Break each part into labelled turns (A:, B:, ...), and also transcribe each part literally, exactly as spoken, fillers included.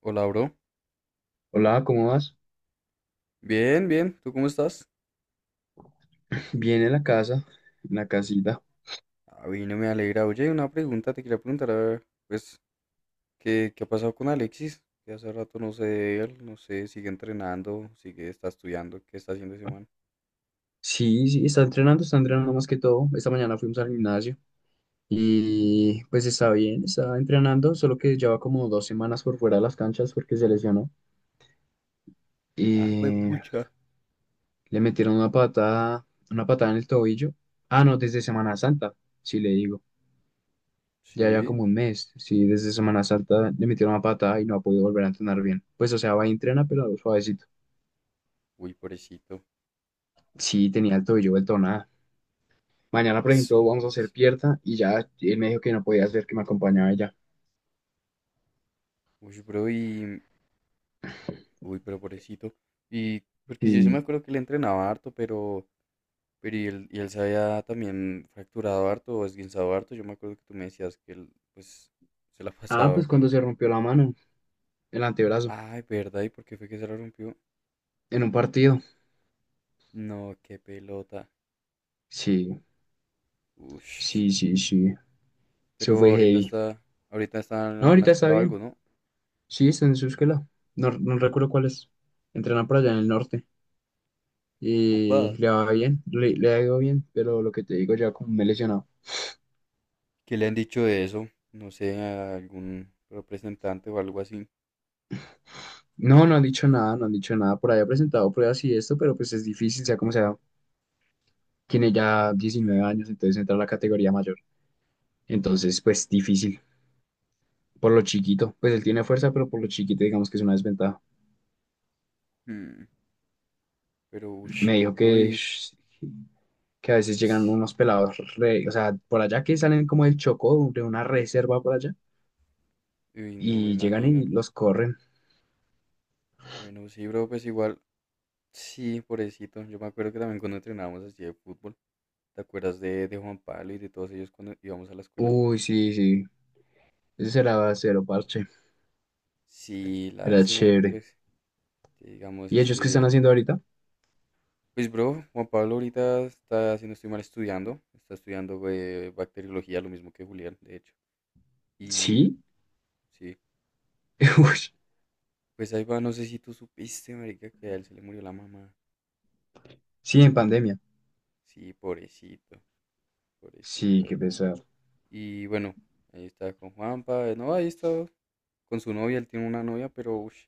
A: Hola, bro.
B: Hola, ¿cómo vas?
A: Bien, bien. ¿Tú cómo estás?
B: Bien en la casa, en la casita.
A: A mí no me alegra. Oye, una pregunta. Te quería preguntar, a ver, pues, ¿qué, qué ha pasado con Alexis? Que hace rato no sé de él. No sé, sigue entrenando, sigue, está estudiando. ¿Qué está haciendo ese man?
B: Sí, sí, está entrenando, está entrenando más que todo. Esta mañana fuimos al gimnasio y pues está bien, está entrenando, solo que lleva como dos semanas por fuera de las canchas porque se lesionó.
A: Ah,
B: Y
A: juepucha.
B: le metieron una patada, una patada en el tobillo. Ah, no, desde Semana Santa, sí le digo. Ya ya
A: Sí.
B: como un mes, sí, desde Semana Santa le metieron una patada y no ha podido volver a entrenar bien. Pues o sea, va y entrena, pero suavecito.
A: Uy, pobrecito.
B: Sí, tenía el tobillo vuelto nada. Mañana,
A: Y
B: por ejemplo, vamos a hacer
A: zonas.
B: pierna y ya él me dijo que no podía hacer, que me acompañaba ella.
A: Uy, bro, y... Uy, pero pobrecito. Y... Porque yo sí me
B: Y...
A: acuerdo que le entrenaba harto, pero... Pero y él, y él se había también fracturado harto o esguinzado harto. Yo me acuerdo que tú me decías que él, pues, se la
B: Ah,
A: pasaba
B: pues cuando
A: como.
B: se rompió la mano, el antebrazo,
A: Ay, ¿verdad? ¿Y por qué fue que se la rompió?
B: en un partido.
A: No, qué pelota.
B: Sí,
A: Ush.
B: sí, sí, sí. Eso
A: Pero
B: fue
A: ahorita
B: heavy.
A: está, ahorita está en
B: No,
A: alguna
B: ahorita está
A: escuela o
B: bien.
A: algo, ¿no?
B: Sí, está en su escuela. No, no recuerdo cuál es. Entrenan por allá en el norte. Y
A: Upa,
B: le va bien, le, le ha ido bien, pero lo que te digo, ya como me he lesionado.
A: ¿qué le han dicho de eso? No sé, a algún representante o algo así.
B: No, no han dicho nada, no han dicho nada. Por ahí ha presentado pruebas y esto, pero pues es difícil, sea como sea. Tiene ya diecinueve años, entonces entra a la categoría mayor. Entonces, pues difícil. Por lo chiquito, pues él tiene fuerza, pero por lo chiquito, digamos que es una desventaja.
A: Hmm. Pero ush,
B: Me dijo
A: bro,
B: que,
A: y
B: sh- que a veces llegan
A: sí,
B: unos pelados, re- o sea, por allá que salen como del Chocó, de una reserva por allá,
A: uy, no me
B: y llegan
A: imagino.
B: y los corren.
A: Bueno, sí, bro, pues igual, sí, pobrecito. Yo me acuerdo que también cuando entrenábamos así de fútbol, ¿te acuerdas de, de Juan Pablo y de todos ellos cuando íbamos a la escuela?
B: Uy, sí, sí, ese será cero parche,
A: Sí,
B: era
A: lástima que
B: chévere.
A: pues, que digamos,
B: ¿Y ellos qué están
A: este.
B: haciendo ahorita?
A: Pues bro, Juan Pablo ahorita está, si no estoy mal, estudiando, está estudiando eh, bacteriología, lo mismo que Julián, de hecho. Y
B: Sí,
A: sí,
B: uy,
A: pues ahí va, no sé si tú supiste, marica, que a él se le murió la mamá.
B: sí, en pandemia.
A: Sí, pobrecito, pobrecito
B: Sí, qué
A: él.
B: pesar.
A: Y bueno, ahí está con Juanpa, eh, no, ahí está con su novia, él tiene una novia, pero ush,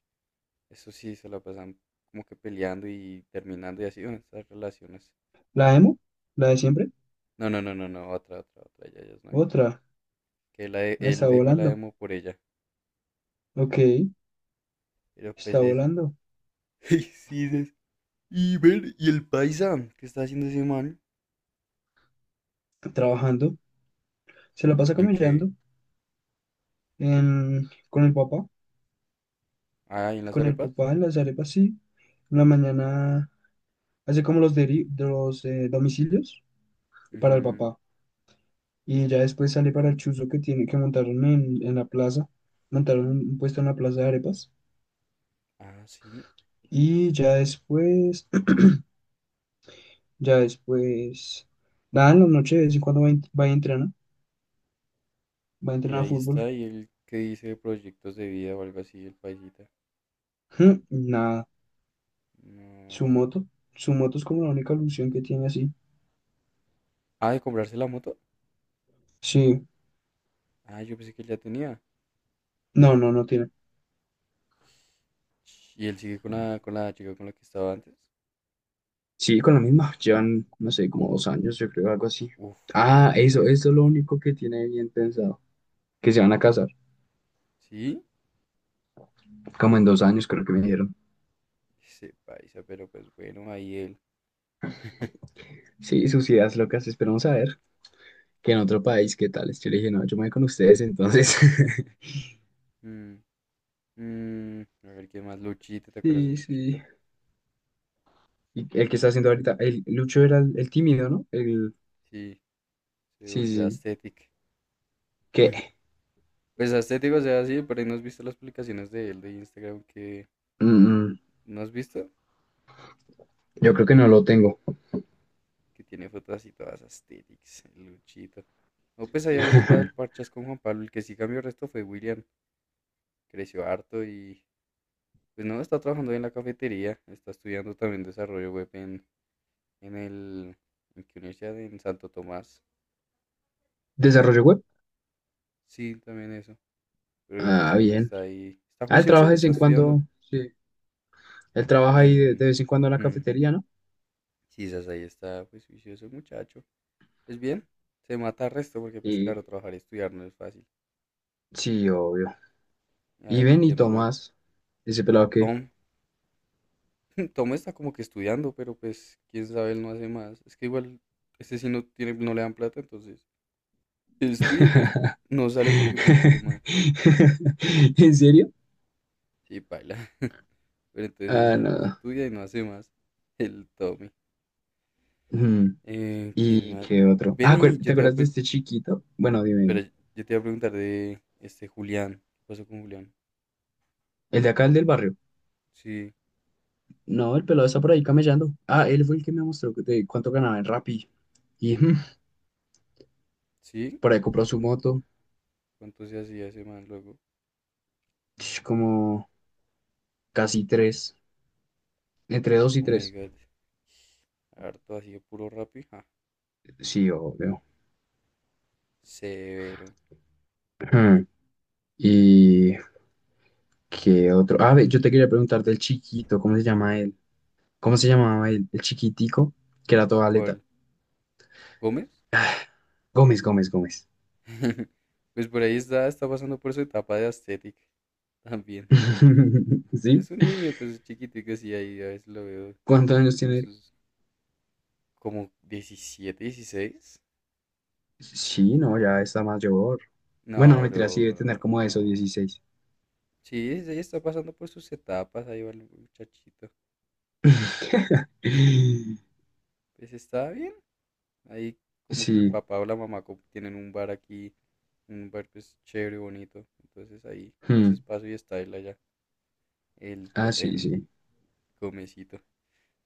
A: eso sí, se la pasan como que peleando y terminando y así, bueno, estas relaciones.
B: ¿La emo? ¿La de siempre?
A: No, no, no, no, no, otra, otra, otra, ya, ya es nueva.
B: Otra,
A: Que la de-
B: ahí
A: él dejó la
B: estando.
A: demo por ella,
B: Ok,
A: pero pues eso.
B: no,
A: Y sí, dices, y ver, y el paisa, ¿qué está haciendo ese man?
B: trabajando, se la pasa
A: ¿En qué?
B: camellando. Con el papá,
A: Ah, ¿y en las
B: con
A: arepas?
B: arepa, sí. En la mañana hace como los, deri- de los eh, domicilios para el
A: Ujú.
B: papá. Y ya después sale para el chuzo que tiene que montaron en, en la plaza. Montaron un, un puesto en la plaza de arepas.
A: Ah, sí.
B: Y ya después, ya después, nada, en la noche de vez en cuando va, a en- va y entrena, va a
A: Y
B: entrenar a
A: ahí
B: fútbol.
A: está, y el que dice de proyectos de vida o algo así, el paisita.
B: Ujú, nada, su
A: No.
B: moto, su moto es como la única ilusión que tiene así.
A: Ah, de comprarse la moto.
B: Sí,
A: Ah, yo pensé que él ya tenía.
B: no, no, no tiene.
A: Ch. Y él sigue con la, con la chica con la que estaba antes.
B: Sí, con la misma, llevan, no sé, como dos años, yo creo, algo así.
A: Uf,
B: Ah,
A: llegan
B: eso, eso es
A: resto.
B: lo único que tiene bien pensado, que se van a casar,
A: Sí,
B: como en dos años creo que me dijeron.
A: ese paisa, pero pues bueno, ahí él.
B: Sí, sus ideas locas, esperamos a ver que en otro país, ¿qué tal? Yo le dije, no, yo me voy con ustedes, entonces.
A: Mm, mm, a ver qué más, Luchito, ¿te acuerdas de
B: Sí,
A: Luchito?
B: sí. Y el que está haciendo ahorita, el Lucho era el, el tímido, ¿no? El,
A: Sí, se
B: sí, sí,
A: volvió
B: sí.
A: aesthetic.
B: ¿Qué?
A: Pues estético, o sea, sí, por ahí no has visto las publicaciones de él de Instagram que
B: Mm, mm,
A: no has visto,
B: yo creo que no lo tengo.
A: que tiene fotos así todas estéticas, el luchito. O pues ahí a veces va el parchas con Juan Pablo, el que sí cambió el resto fue William, creció harto y pues no, está trabajando en la cafetería, está estudiando también desarrollo web en, en el, en qué universidad, en Santo Tomás,
B: ¿Desarrollo web?
A: sí, también eso,
B: Ah,
A: programación
B: bien.
A: está ahí, está
B: Ah, él
A: juicioso
B: trabaja
A: y
B: de vez
A: está
B: en
A: estudiando
B: cuando, sí. Él
A: e,
B: trabaja ahí de, de
A: en,
B: vez en cuando en la
A: mm,
B: cafetería, ¿no?
A: sí, esas ahí está pues juicioso el muchacho. Pues bien, se mata el resto porque pues claro,
B: Y
A: trabajar y estudiar no es fácil.
B: sí, obvio.
A: A
B: Y
A: ver, ¿de
B: ven y
A: quién más me... ac-?
B: Tomás, ese pelado que.
A: Tom. Tom está como que estudiando, pero pues quién sabe, él no hace más. Es que igual, este sí no tiene, no le dan plata, entonces él estudia y pues no sale porque pues qué más.
B: ¿En serio?
A: Sí, baila. Pero entonces
B: Ah,
A: sí,
B: no.
A: estudia y no hace más. El Tommy.
B: Mm,
A: Eh, ¿quién
B: ¿Y
A: más?
B: qué
A: B-
B: otro? Ah,
A: Benny,
B: acuer- ¿te
A: yo te iba a,
B: acuerdas de
A: pre-
B: este chiquito? Bueno, dime, dime.
A: espera, yo te iba a preguntar de este Julián. ¿Qué pasó con Julián?
B: El de acá, el del barrio.
A: Sí,
B: No, el pelado está por ahí camellando. Ah, él fue el que me mostró que- de cuánto ganaba en Rappi. Y mm,
A: sí.
B: por ahí compró su
A: ¿Cuán-
B: moto.
A: ¿Cuánto se hacía ese man luego?
B: Sh, Como casi tres. Entre dos y
A: Oh my
B: tres.
A: god. Harto así de puro Rappi. Ja,
B: Sí, obvio.
A: severo.
B: Mm, ¿Y qué otro? Ah, ve, yo te quería preguntar del chiquito, ¿cómo se llama él? ¿Cómo se llamaba el, el chiquitico? Que era toda aleta.
A: ¿Cuál? ¿Gómez?
B: Ah, Gómez, Gómez, Gómez.
A: Pues por ahí está, está pasando por su etapa de aesthetic también.
B: ¿Sí?
A: Es un niño, pues es chiquitico, sí, ahí a veces lo veo
B: ¿Cuántos años
A: con
B: tiene él?
A: sus como diecisiete, dieciséis.
B: Sí, no, ya está mayor. Bueno, no
A: No,
B: mentira, sí
A: bro,
B: debe tener
A: no,
B: como eso,
A: no.
B: dieciséis.
A: Sí, ahí está pasando por sus etapas, ahí va el muchachito. Pues está bien. Ahí como que el
B: Sí.
A: papá o la mamá como tienen un bar aquí, un bar pues chévere, bonito. Entonces ahí a veces
B: Hmm.
A: paso y está él allá. El,
B: Ah,
A: to-
B: sí,
A: el
B: sí.
A: comecito.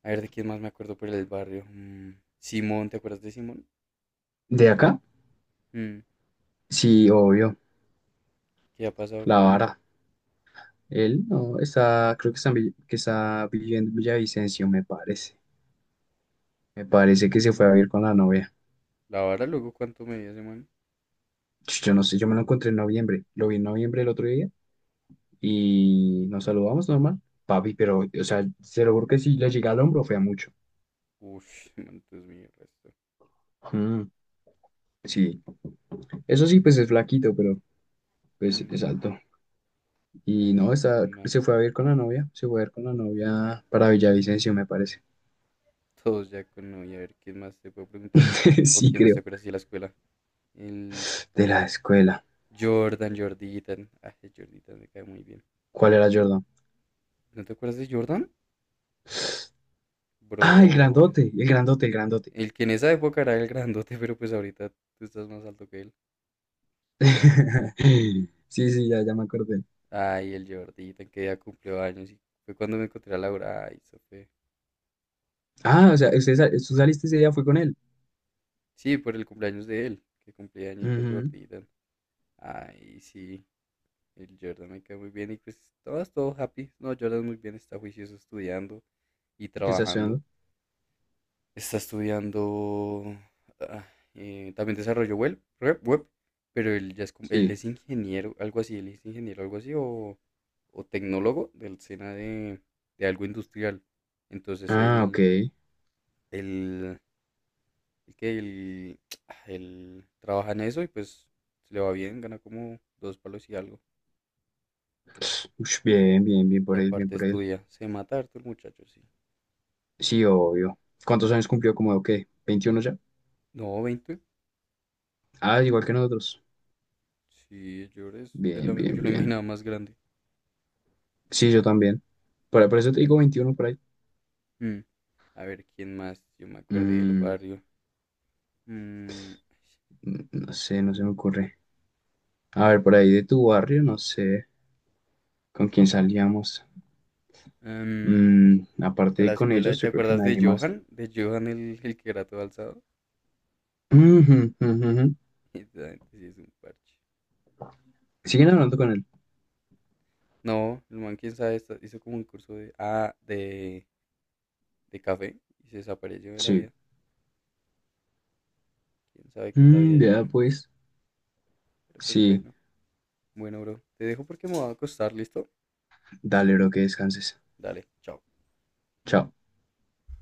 A: A ver, ¿de quién más me acuerdo por el barrio? Mm, Simón, ¿te acuerdas de Simón?
B: ¿De acá?
A: Mm,
B: Sí, obvio.
A: ¿qué ha pasado
B: La
A: con él?
B: vara. Él no está, creo que está, en Vill- que está viviendo en Villavicencio, me parece. Me parece que se fue a vivir
A: Mm,
B: con la novia.
A: la vara, luego, ¿cuánto medía ese man?
B: Yo no sé, yo me lo encontré en noviembre. Lo vi en noviembre el otro día. Y nos saludamos normal. Papi, pero, o sea, se lo juro que si le llega al hombro, fea mucho.
A: Ush, ese man, Dios mío, resto.
B: Mm. Sí, eso sí, pues es flaquito, pero pues
A: Mm,
B: es alto.
A: a
B: Y
A: ver,
B: no,
A: ¿de
B: está,
A: quién más?
B: se fue a ver con la novia, se fue a ver con la novia para Villavicencio, me parece.
A: Todos ya con novia, a ver, ¿quién más te puedo preguntar? ¿O
B: Sí,
A: quién más te
B: creo.
A: acuerdas de la escuela? El
B: De la escuela.
A: Jordan, Jorditan. Ah, el Jorditan me cae muy bien.
B: ¿Cuál era Jordan?
A: ¿No te acuerdas de Jordan?
B: Ah, el
A: Bro, es-
B: grandote, el grandote, el grandote.
A: el que en esa época era el grandote, pero pues ahorita tú estás más alto que él.
B: Sí, sí, ya, ya me acordé.
A: Ay, el Jordita, que ya cumplió años y fue cuando me encontré a Laura. Ay, eso fue.
B: Ah, o sea, usted, sa- tú saliste ese día, fue con él.
A: Sí, por el cumpleaños de él, que cumplía añitos
B: Ujú.
A: Jordita. Ay, sí, el Jordan me cae muy bien y pues todo es todo happy. No, Jordan muy bien, está juicioso estudiando y
B: ¿Qué está
A: trabajando.
B: estudiando?
A: Está estudiando ah, eh, también desarrollo web, web, web, pero él ya es, como- él
B: Sí.
A: es ingeniero, algo así, él es ingeniero, algo así, o, o tecnólogo del SENA de, de algo industrial. Entonces
B: Ah, ok.
A: él Él, el que él, él trabaja en eso y pues le va bien, gana como dos palos y algo.
B: Ush, bien, bien, bien
A: Y
B: por él, bien
A: aparte
B: por él.
A: estudia, se mata harto el muchacho, sí.
B: Sí, obvio. ¿Cuántos años cumplió? ¿Como qué? ¿Veintiuno ya?
A: No, veinte.
B: Ah, igual que nosotros.
A: Sí, yo es de
B: Bien,
A: la misma,
B: bien,
A: yo lo
B: bien.
A: imaginaba más grande.
B: Sí, yo también. Por, por eso te digo veintiuno por ahí.
A: Mm, a ver, ¿quién más? Yo me acuerdo del
B: Mm,
A: barrio. Mm,
B: no sé, no se me ocurre. A ver, por ahí de tu barrio, no sé con quién salíamos.
A: em,
B: Mm,
A: de
B: aparte de
A: la
B: con
A: escuela,
B: ellos,
A: ¿te
B: yo creo que
A: acuerdas de
B: nadie más.
A: Johan? De Johan el, el que era todo alzado.
B: Ujú, ujú, ujú.
A: Esa gente sí es un parche.
B: ¿Siguen hablando con él?
A: No, el man, quién sabe, está- hizo como un curso de... Ah, de... de café y se desapareció de la
B: Sí.
A: vida. Quién sabe qué es la vida de
B: Mm,
A: ese
B: ya,
A: man.
B: pues.
A: Pero pues
B: Sí.
A: bueno, bueno, bro. Te dejo porque me voy a acostar, ¿listo?
B: Dale, bro, que descanses.
A: Dale, chao.
B: Chao.